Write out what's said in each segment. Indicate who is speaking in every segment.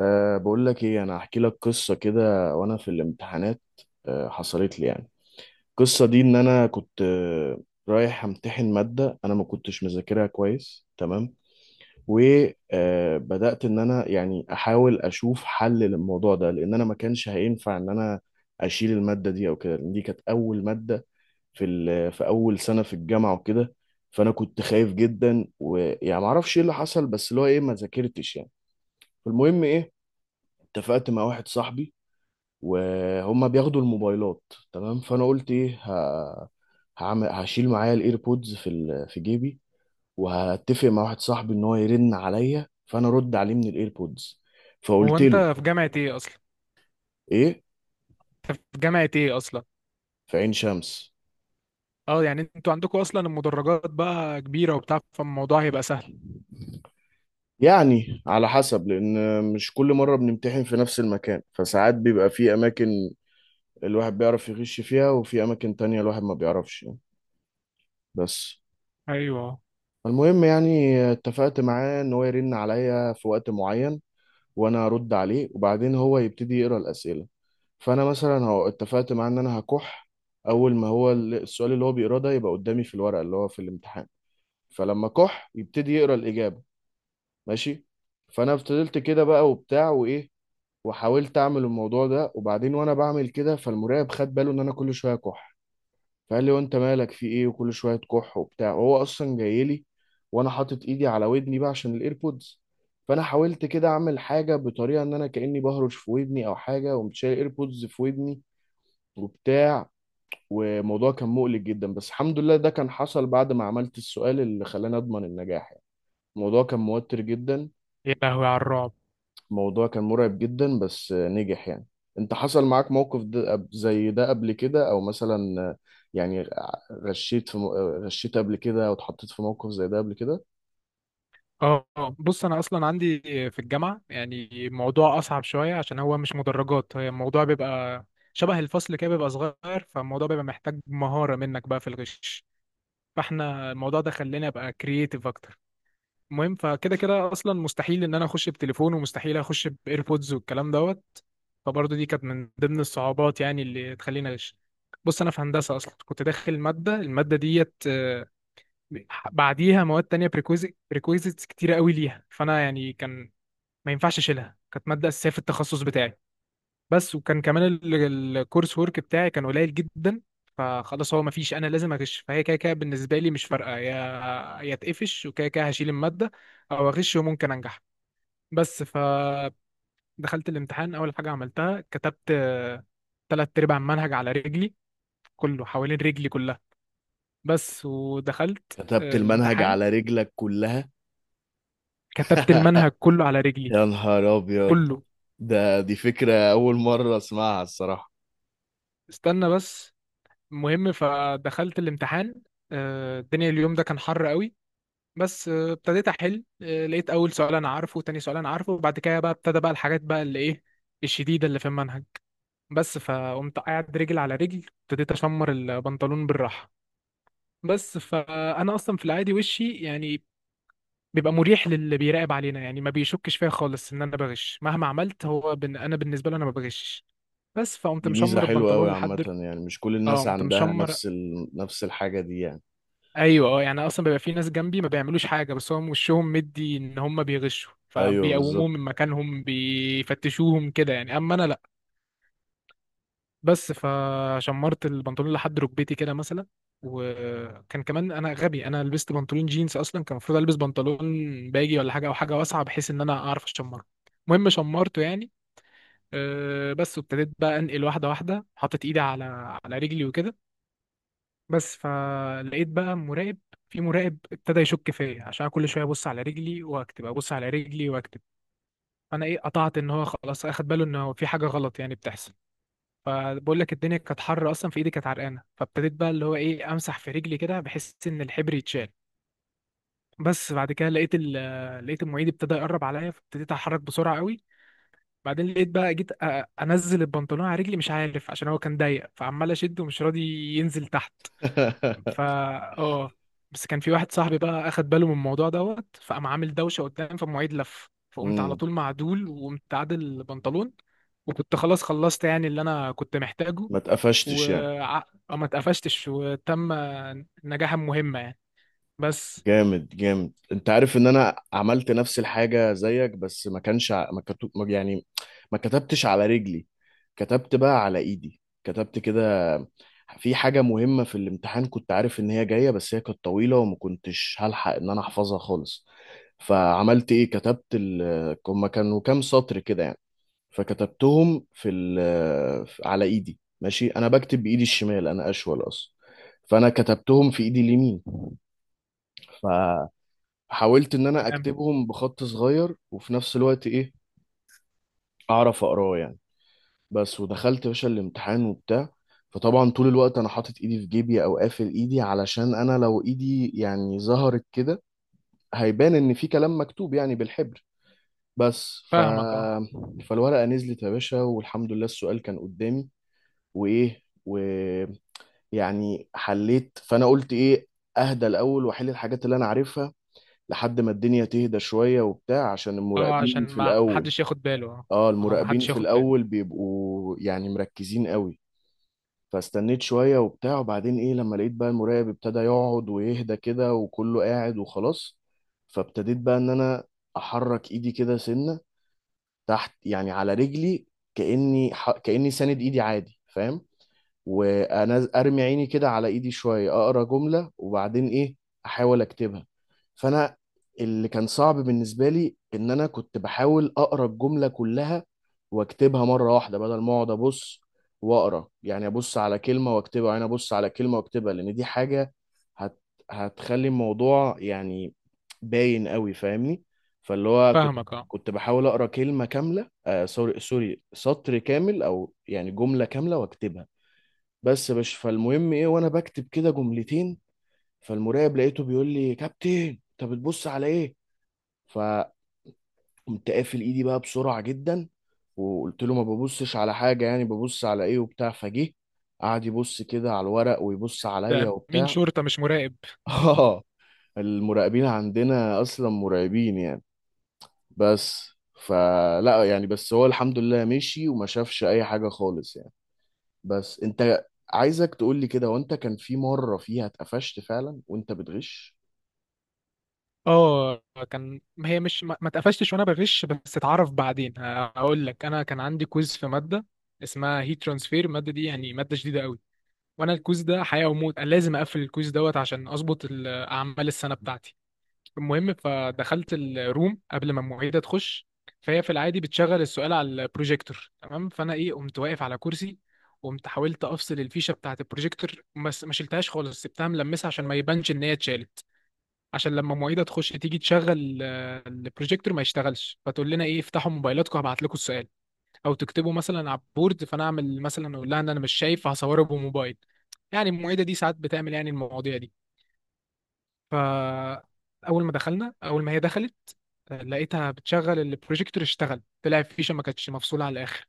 Speaker 1: أه، بقول لك ايه، انا هحكي لك قصه كده وانا في الامتحانات. أه حصلت لي يعني. القصه دي ان انا كنت رايح امتحن ماده. انا ما كنتش مذاكرها كويس. تمام. وبدات ان انا يعني احاول اشوف حل للموضوع ده، لان انا ما كانش هينفع ان انا اشيل الماده دي او كده، لان دي كانت اول ماده في في اول سنه في الجامعه وكده. فانا كنت خايف جدا، ويعني ما اعرفش ايه اللي حصل، بس اللي هو ايه ما ذاكرتش يعني. فالمهم ايه، اتفقت مع واحد صاحبي وهم بياخدوا الموبايلات. تمام. فانا قلت ايه هعمل هشيل معايا الايربودز في في جيبي، وهتفق مع واحد صاحبي ان هو يرن عليا فانا ارد عليه من الايربودز.
Speaker 2: هو
Speaker 1: فقلت
Speaker 2: انت
Speaker 1: له
Speaker 2: في جامعة ايه اصلا؟
Speaker 1: ايه،
Speaker 2: انت في جامعة ايه اصلا؟
Speaker 1: في عين شمس.
Speaker 2: اه، يعني انتوا عندكم اصلا المدرجات بقى كبيرة وبتاع، فالموضوع هيبقى سهل.
Speaker 1: يعني على حسب، لان مش كل مره بنمتحن في نفس المكان، فساعات بيبقى في اماكن الواحد بيعرف يغش فيها، وفي اماكن تانية الواحد ما بيعرفش يعني. بس.
Speaker 2: ايوه.
Speaker 1: المهم يعني اتفقت معاه ان هو يرن عليا في وقت معين وانا ارد عليه، وبعدين هو يبتدي يقرا الاسئله. فانا مثلا هو اتفقت معاه ان انا هكح اول ما هو السؤال اللي هو بيقراه ده يبقى قدامي في الورقه اللي هو في الامتحان. فلما كح يبتدي يقرا الاجابه. ماشي. فانا فضلت كده بقى وبتاع وايه، وحاولت اعمل الموضوع ده. وبعدين وانا بعمل كده، فالمراقب خد باله ان انا كل شويه كح. فقال لي: وانت مالك؟ في ايه؟ وكل شويه كح وبتاع، وهو اصلا جاي لي وانا حاطط ايدي على ودني بقى عشان الايربودز. فانا حاولت كده اعمل حاجه بطريقه ان انا كاني بهرش في ودني او حاجه، وقمت شايل الايربودز في ودني وبتاع. والموضوع كان مقلق جدا، بس الحمد لله ده كان حصل بعد ما عملت السؤال اللي خلاني اضمن النجاح يعني. الموضوع كان موتر جدا.
Speaker 2: يا لهوي على الرعب.
Speaker 1: الموضوع كان مرعب جدا، بس نجح يعني. انت حصل معاك موقف ده زي ده قبل كده، او مثلا يعني غشيت في غشيت قبل كده، او اتحطيت في موقف زي ده قبل كده؟
Speaker 2: اه. بص، انا اصلا عندي في الجامعة يعني الموضوع اصعب شوية، عشان هو مش مدرجات، هي الموضوع بيبقى شبه الفصل كده، بيبقى صغير، فالموضوع بيبقى محتاج مهارة منك بقى في الغش. فاحنا الموضوع ده خلاني ابقى كرييتيف اكتر. المهم، فكده كده اصلا مستحيل ان انا اخش بتليفون، ومستحيل اخش بايربودز والكلام دوت. فبرضه دي كانت من ضمن الصعوبات يعني اللي تخليني اغش. بص، انا في هندسه اصلا كنت داخل ماده، الماده ديت بعديها مواد تانية، بريكويزيتس كتيره قوي ليها، فانا يعني كان ما ينفعش اشيلها، كانت ماده اساسيه في التخصص بتاعي. بس وكان كمان الكورس ورك بتاعي كان قليل جدا. فخلاص، هو مفيش، انا لازم اغش، فهي كده كده بالنسبه لي مش فارقه، يا اتقفش وكده كده هشيل الماده، او اغش وممكن انجح. بس فدخلت الامتحان. اول حاجه عملتها كتبت تلات ارباع المنهج على رجلي، كله حوالين رجلي كلها. بس ودخلت
Speaker 1: كتبت المنهج
Speaker 2: الامتحان.
Speaker 1: على رجلك كلها؟
Speaker 2: كتبت المنهج كله على رجلي.
Speaker 1: يا نهار ابيض.
Speaker 2: كله.
Speaker 1: دي فكرة اول مرة اسمعها الصراحة.
Speaker 2: استنى بس. المهم فدخلت الامتحان. الدنيا اليوم ده كان حر قوي. بس ابتديت احل. لقيت اول سؤال انا عارفه وتاني سؤال انا عارفه، وبعد كده بقى ابتدى بقى الحاجات بقى اللي ايه الشديده اللي في المنهج. بس فقمت قاعد رجل على رجل، ابتديت اشمر البنطلون بالراحه. بس فانا اصلا في العادي وشي يعني بيبقى مريح للي بيراقب علينا، يعني ما بيشكش فيا خالص ان انا بغش مهما عملت، هو انا بالنسبه له انا ما بغشش. بس فقمت
Speaker 1: دي ميزة
Speaker 2: مشمر
Speaker 1: حلوة قوي
Speaker 2: البنطلون
Speaker 1: عامة
Speaker 2: لحد.
Speaker 1: يعني، مش كل
Speaker 2: اه،
Speaker 1: الناس
Speaker 2: قمت
Speaker 1: عندها
Speaker 2: مشمر.
Speaker 1: نفس الحاجة دي يعني.
Speaker 2: ايوه، اه يعني اصلا بيبقى في ناس جنبي ما بيعملوش حاجه، بس هم وشهم مدي ان هم بيغشوا،
Speaker 1: ايوه بالظبط.
Speaker 2: فبيقوموهم من مكانهم بيفتشوهم كده يعني، اما انا لا. بس فشمرت البنطلون لحد ركبتي كده مثلا. وكان كمان انا غبي، انا لبست بنطلون جينز اصلا، كان المفروض البس بنطلون باجي ولا حاجه، او حاجه واسعه بحيث ان انا اعرف اشمره. المهم شمرته يعني. أه بس وابتديت بقى انقل واحده واحده، حطيت ايدي على على رجلي وكده. بس فلقيت بقى مراقب، في مراقب ابتدى يشك فيا عشان كل شويه ابص على رجلي واكتب، ابص على رجلي واكتب. فانا ايه، قطعت ان هو خلاص اخد باله ان هو في حاجه غلط يعني بتحصل. فبقول لك، الدنيا كانت حر اصلا، في ايدي كانت عرقانه، فابتديت بقى اللي هو ايه امسح في رجلي كده، بحس ان الحبر يتشال. بس بعد كده لقيت لقيت المعيد ابتدى يقرب عليا، فابتديت اتحرك بسرعه قوي. بعدين لقيت بقى جيت انزل البنطلون على رجلي، مش عارف عشان هو كان ضيق، فعمال اشد ومش راضي ينزل تحت. فا، اه، بس كان في واحد صاحبي بقى اخد باله من الموضوع دوت، فقام عامل دوشه قدام، فالمعيد لف، فقمت على
Speaker 1: امم.
Speaker 2: طول معدول وقمت عادل البنطلون. وكنت خلاص خلصت يعني اللي انا كنت محتاجه.
Speaker 1: ما اتقفشتش يعني؟
Speaker 2: وما اتقفشتش وتم نجاحا مهمة يعني. بس.
Speaker 1: جامد جامد، انت عارف ان انا عملت نفس الحاجة زيك، بس ما كانش ع- ما كتب ما- يعني ما كتبتش على رجلي. كتبت بقى على ايدي، كتبت كده في حاجة مهمة في الامتحان كنت عارف ان هي جاية، بس هي كانت طويلة وما كنتش هلحق ان انا احفظها خالص. فعملت ايه، كتبت هما كانوا كام سطر كده يعني. فكتبتهم في على ايدي. ماشي، انا بكتب بايدي الشمال، انا اشول اصلا. فانا كتبتهم في ايدي اليمين. حاولت ان انا
Speaker 2: تمام.
Speaker 1: اكتبهم بخط صغير، وفي نفس الوقت ايه اعرف اقراه يعني. بس ودخلت يا باشا الامتحان وبتاع. فطبعا طول الوقت انا حاطط ايدي في جيبي او قافل ايدي، علشان انا لو ايدي يعني ظهرت كده هيبان ان في كلام مكتوب يعني بالحبر. بس
Speaker 2: فاهمك. اه.
Speaker 1: فالورقة نزلت يا باشا، والحمد لله السؤال كان قدامي، وايه ويعني حليت. فانا قلت ايه، اهدى الاول واحل الحاجات اللي انا عارفها، لحد ما الدنيا تهدى شوية وبتاع عشان
Speaker 2: اه، عشان
Speaker 1: المراقبين في
Speaker 2: ما
Speaker 1: الأول.
Speaker 2: حدش ياخد باله. اه.
Speaker 1: اه
Speaker 2: اه، ما
Speaker 1: المراقبين
Speaker 2: حدش
Speaker 1: في
Speaker 2: ياخد باله.
Speaker 1: الاول بيبقوا يعني مركزين قوي. فاستنيت شوية وبتاع، وبعدين ايه لما لقيت بقى المراقب ابتدى يقعد ويهدى كده وكله قاعد وخلاص. فابتديت بقى ان انا احرك ايدي كده سنة تحت يعني على رجلي، كأني ساند ايدي عادي، فاهم؟ وانا ارمي عيني كده على ايدي شويه، اقرا جمله وبعدين ايه احاول اكتبها. فانا اللي كان صعب بالنسبه لي ان انا كنت بحاول اقرا الجمله كلها واكتبها مره واحده، بدل ما اقعد ابص واقرا يعني، ابص على كلمه واكتبها وبعدين ابص على كلمه واكتبها، لان دي حاجه هت... هتخلي الموضوع يعني باين قوي، فاهمني. فاللي هو كنت
Speaker 2: فاهمك. اه.
Speaker 1: كنت بحاول اقرا كلمه كامله، سوري سوري، سطر كامل او يعني جمله كامله واكتبها. بس يا باشا، فالمهم ايه وانا بكتب كده جملتين، فالمراقب لقيته بيقول لي: كابتن انت بتبص على ايه؟ فقمت قافل ايدي بقى بسرعه جدا، وقلت له: ما ببصش على حاجه، يعني ببص على ايه وبتاع. فجه قعد يبص كده على الورق ويبص عليا
Speaker 2: ده مين
Speaker 1: وبتاع.
Speaker 2: شرطة مش مراقب؟
Speaker 1: اه، المراقبين عندنا اصلا مرعبين يعني. بس فلا يعني، بس هو الحمد لله مشي وما شافش اي حاجه خالص يعني. بس انت، عايزك تقول لي كده وانت، كان في مرة فيها اتقفشت فعلا وانت بتغش؟
Speaker 2: اه. كان هي مش ما اتقفشتش وانا بغش، بس اتعرف بعدين هقول لك. انا كان عندي كويز في ماده اسمها هيت ترانسفير، الماده دي يعني ماده شديده قوي، وانا الكويز ده حياه وموت، انا لازم اقفل الكويز دوت عشان اظبط اعمال السنه بتاعتي. المهم فدخلت الروم قبل ما المعيده تخش. فهي في العادي بتشغل السؤال على البروجيكتور، تمام؟ فانا ايه، قمت واقف على كرسي، قمت حاولت افصل الفيشه بتاعت البروجيكتور، بس ما شلتهاش خالص، سبتها ملمسه عشان ما يبانش ان هي اتشالت. عشان لما معيده تخش تيجي تشغل البروجيكتور ما يشتغلش، فتقول لنا ايه، افتحوا موبايلاتكم هبعت لكم السؤال، او تكتبوا مثلا على البورد، فانا اعمل مثلا اقول لها ان انا مش شايف، فهصوره بموبايل يعني. المعيده دي ساعات بتعمل يعني المواضيع دي. فاول ما دخلنا، اول ما هي دخلت لقيتها بتشغل البروجيكتور، اشتغل، طلع الفيشه ما كانتش مفصوله على الاخر.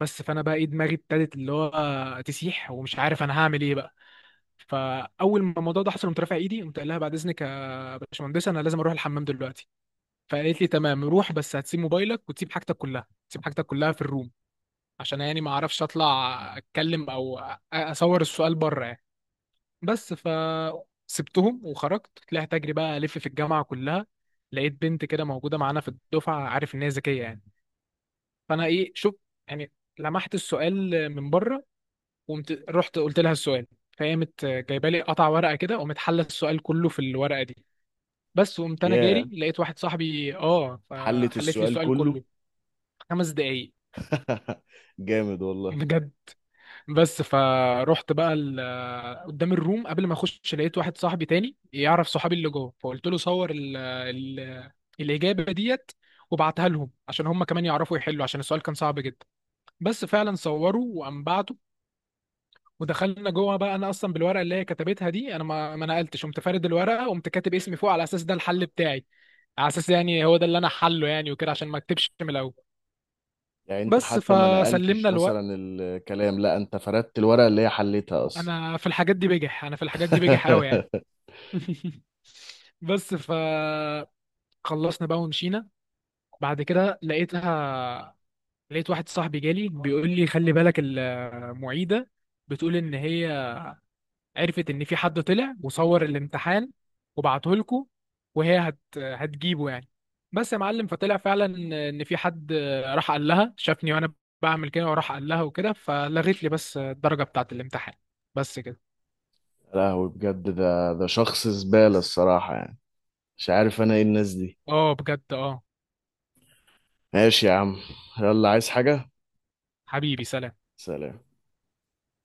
Speaker 2: بس فانا بقى ايه دماغي ابتدت اللي هو تسيح، ومش عارف انا هعمل ايه بقى. فاول ما الموضوع ده حصل، قمت رافع ايدي، قمت قايل لها بعد اذنك يا باشمهندسه، انا لازم اروح الحمام دلوقتي. فقالت لي تمام روح، بس هتسيب موبايلك وتسيب حاجتك كلها، تسيب حاجتك كلها في الروم، عشان يعني ما اعرفش اطلع اتكلم او اصور السؤال بره يعني. بس ف سبتهم وخرجت، طلعت اجري بقى الف في الجامعه كلها، لقيت بنت كده موجوده معانا في الدفعه عارف ان هي ذكيه يعني. فانا ايه، شوف يعني لمحت السؤال من بره، وقمت رحت قلت لها السؤال. فهي مت جايبه لي قطع ورقه كده، وقامت حله السؤال كله في الورقه دي. بس وقمت انا
Speaker 1: ياه،
Speaker 2: جاري، لقيت واحد صاحبي اه،
Speaker 1: حلت
Speaker 2: فحلت لي
Speaker 1: السؤال
Speaker 2: السؤال
Speaker 1: كله؟
Speaker 2: كله. 5 دقايق.
Speaker 1: جامد والله.
Speaker 2: بجد. بس فروحت بقى قدام الروم قبل ما اخش، لقيت واحد صاحبي تاني يعرف صحابي اللي جوه، فقلت له صور ال الاجابه ديت وبعتها لهم عشان هم كمان يعرفوا يحلوا، عشان السؤال كان صعب جدا. بس فعلا صوروا وقام بعته. ودخلنا جوه بقى، انا اصلا بالورقه اللي هي كتبتها دي انا ما نقلتش، قمت فارد الورقه وقمت كاتب اسمي فوق على اساس ده الحل بتاعي، على اساس يعني هو ده اللي انا حله يعني وكده، عشان ما اكتبش من الاول.
Speaker 1: يعني انت
Speaker 2: بس
Speaker 1: حتى ما نقلتش
Speaker 2: فسلمنا.
Speaker 1: مثلا الكلام، لا، انت فردت الورقة اللي هي حلتها اصلا؟
Speaker 2: انا في الحاجات دي بجح، انا في الحاجات دي بجح قوي يعني. بس ف خلصنا بقى ومشينا. بعد كده لقيتها، لقيت واحد صاحبي جالي بيقول لي خلي بالك، المعيدة بتقول ان هي عرفت ان في حد طلع وصور الامتحان وبعته لكم، وهي هتجيبه يعني. بس يا معلم، فطلع فعلا ان في حد راح قال لها شافني وانا بعمل كده، وراح قال لها وكده، فلغيت لي بس الدرجة بتاعت الامتحان. بس كده.
Speaker 1: لا هو بجد ده شخص زبالة الصراحة يعني. مش عارف انا ايه الناس دي.
Speaker 2: اه بجد، اه.
Speaker 1: ماشي يا عم، يلا، عايز حاجة؟
Speaker 2: حبيبي سلام.
Speaker 1: سلام.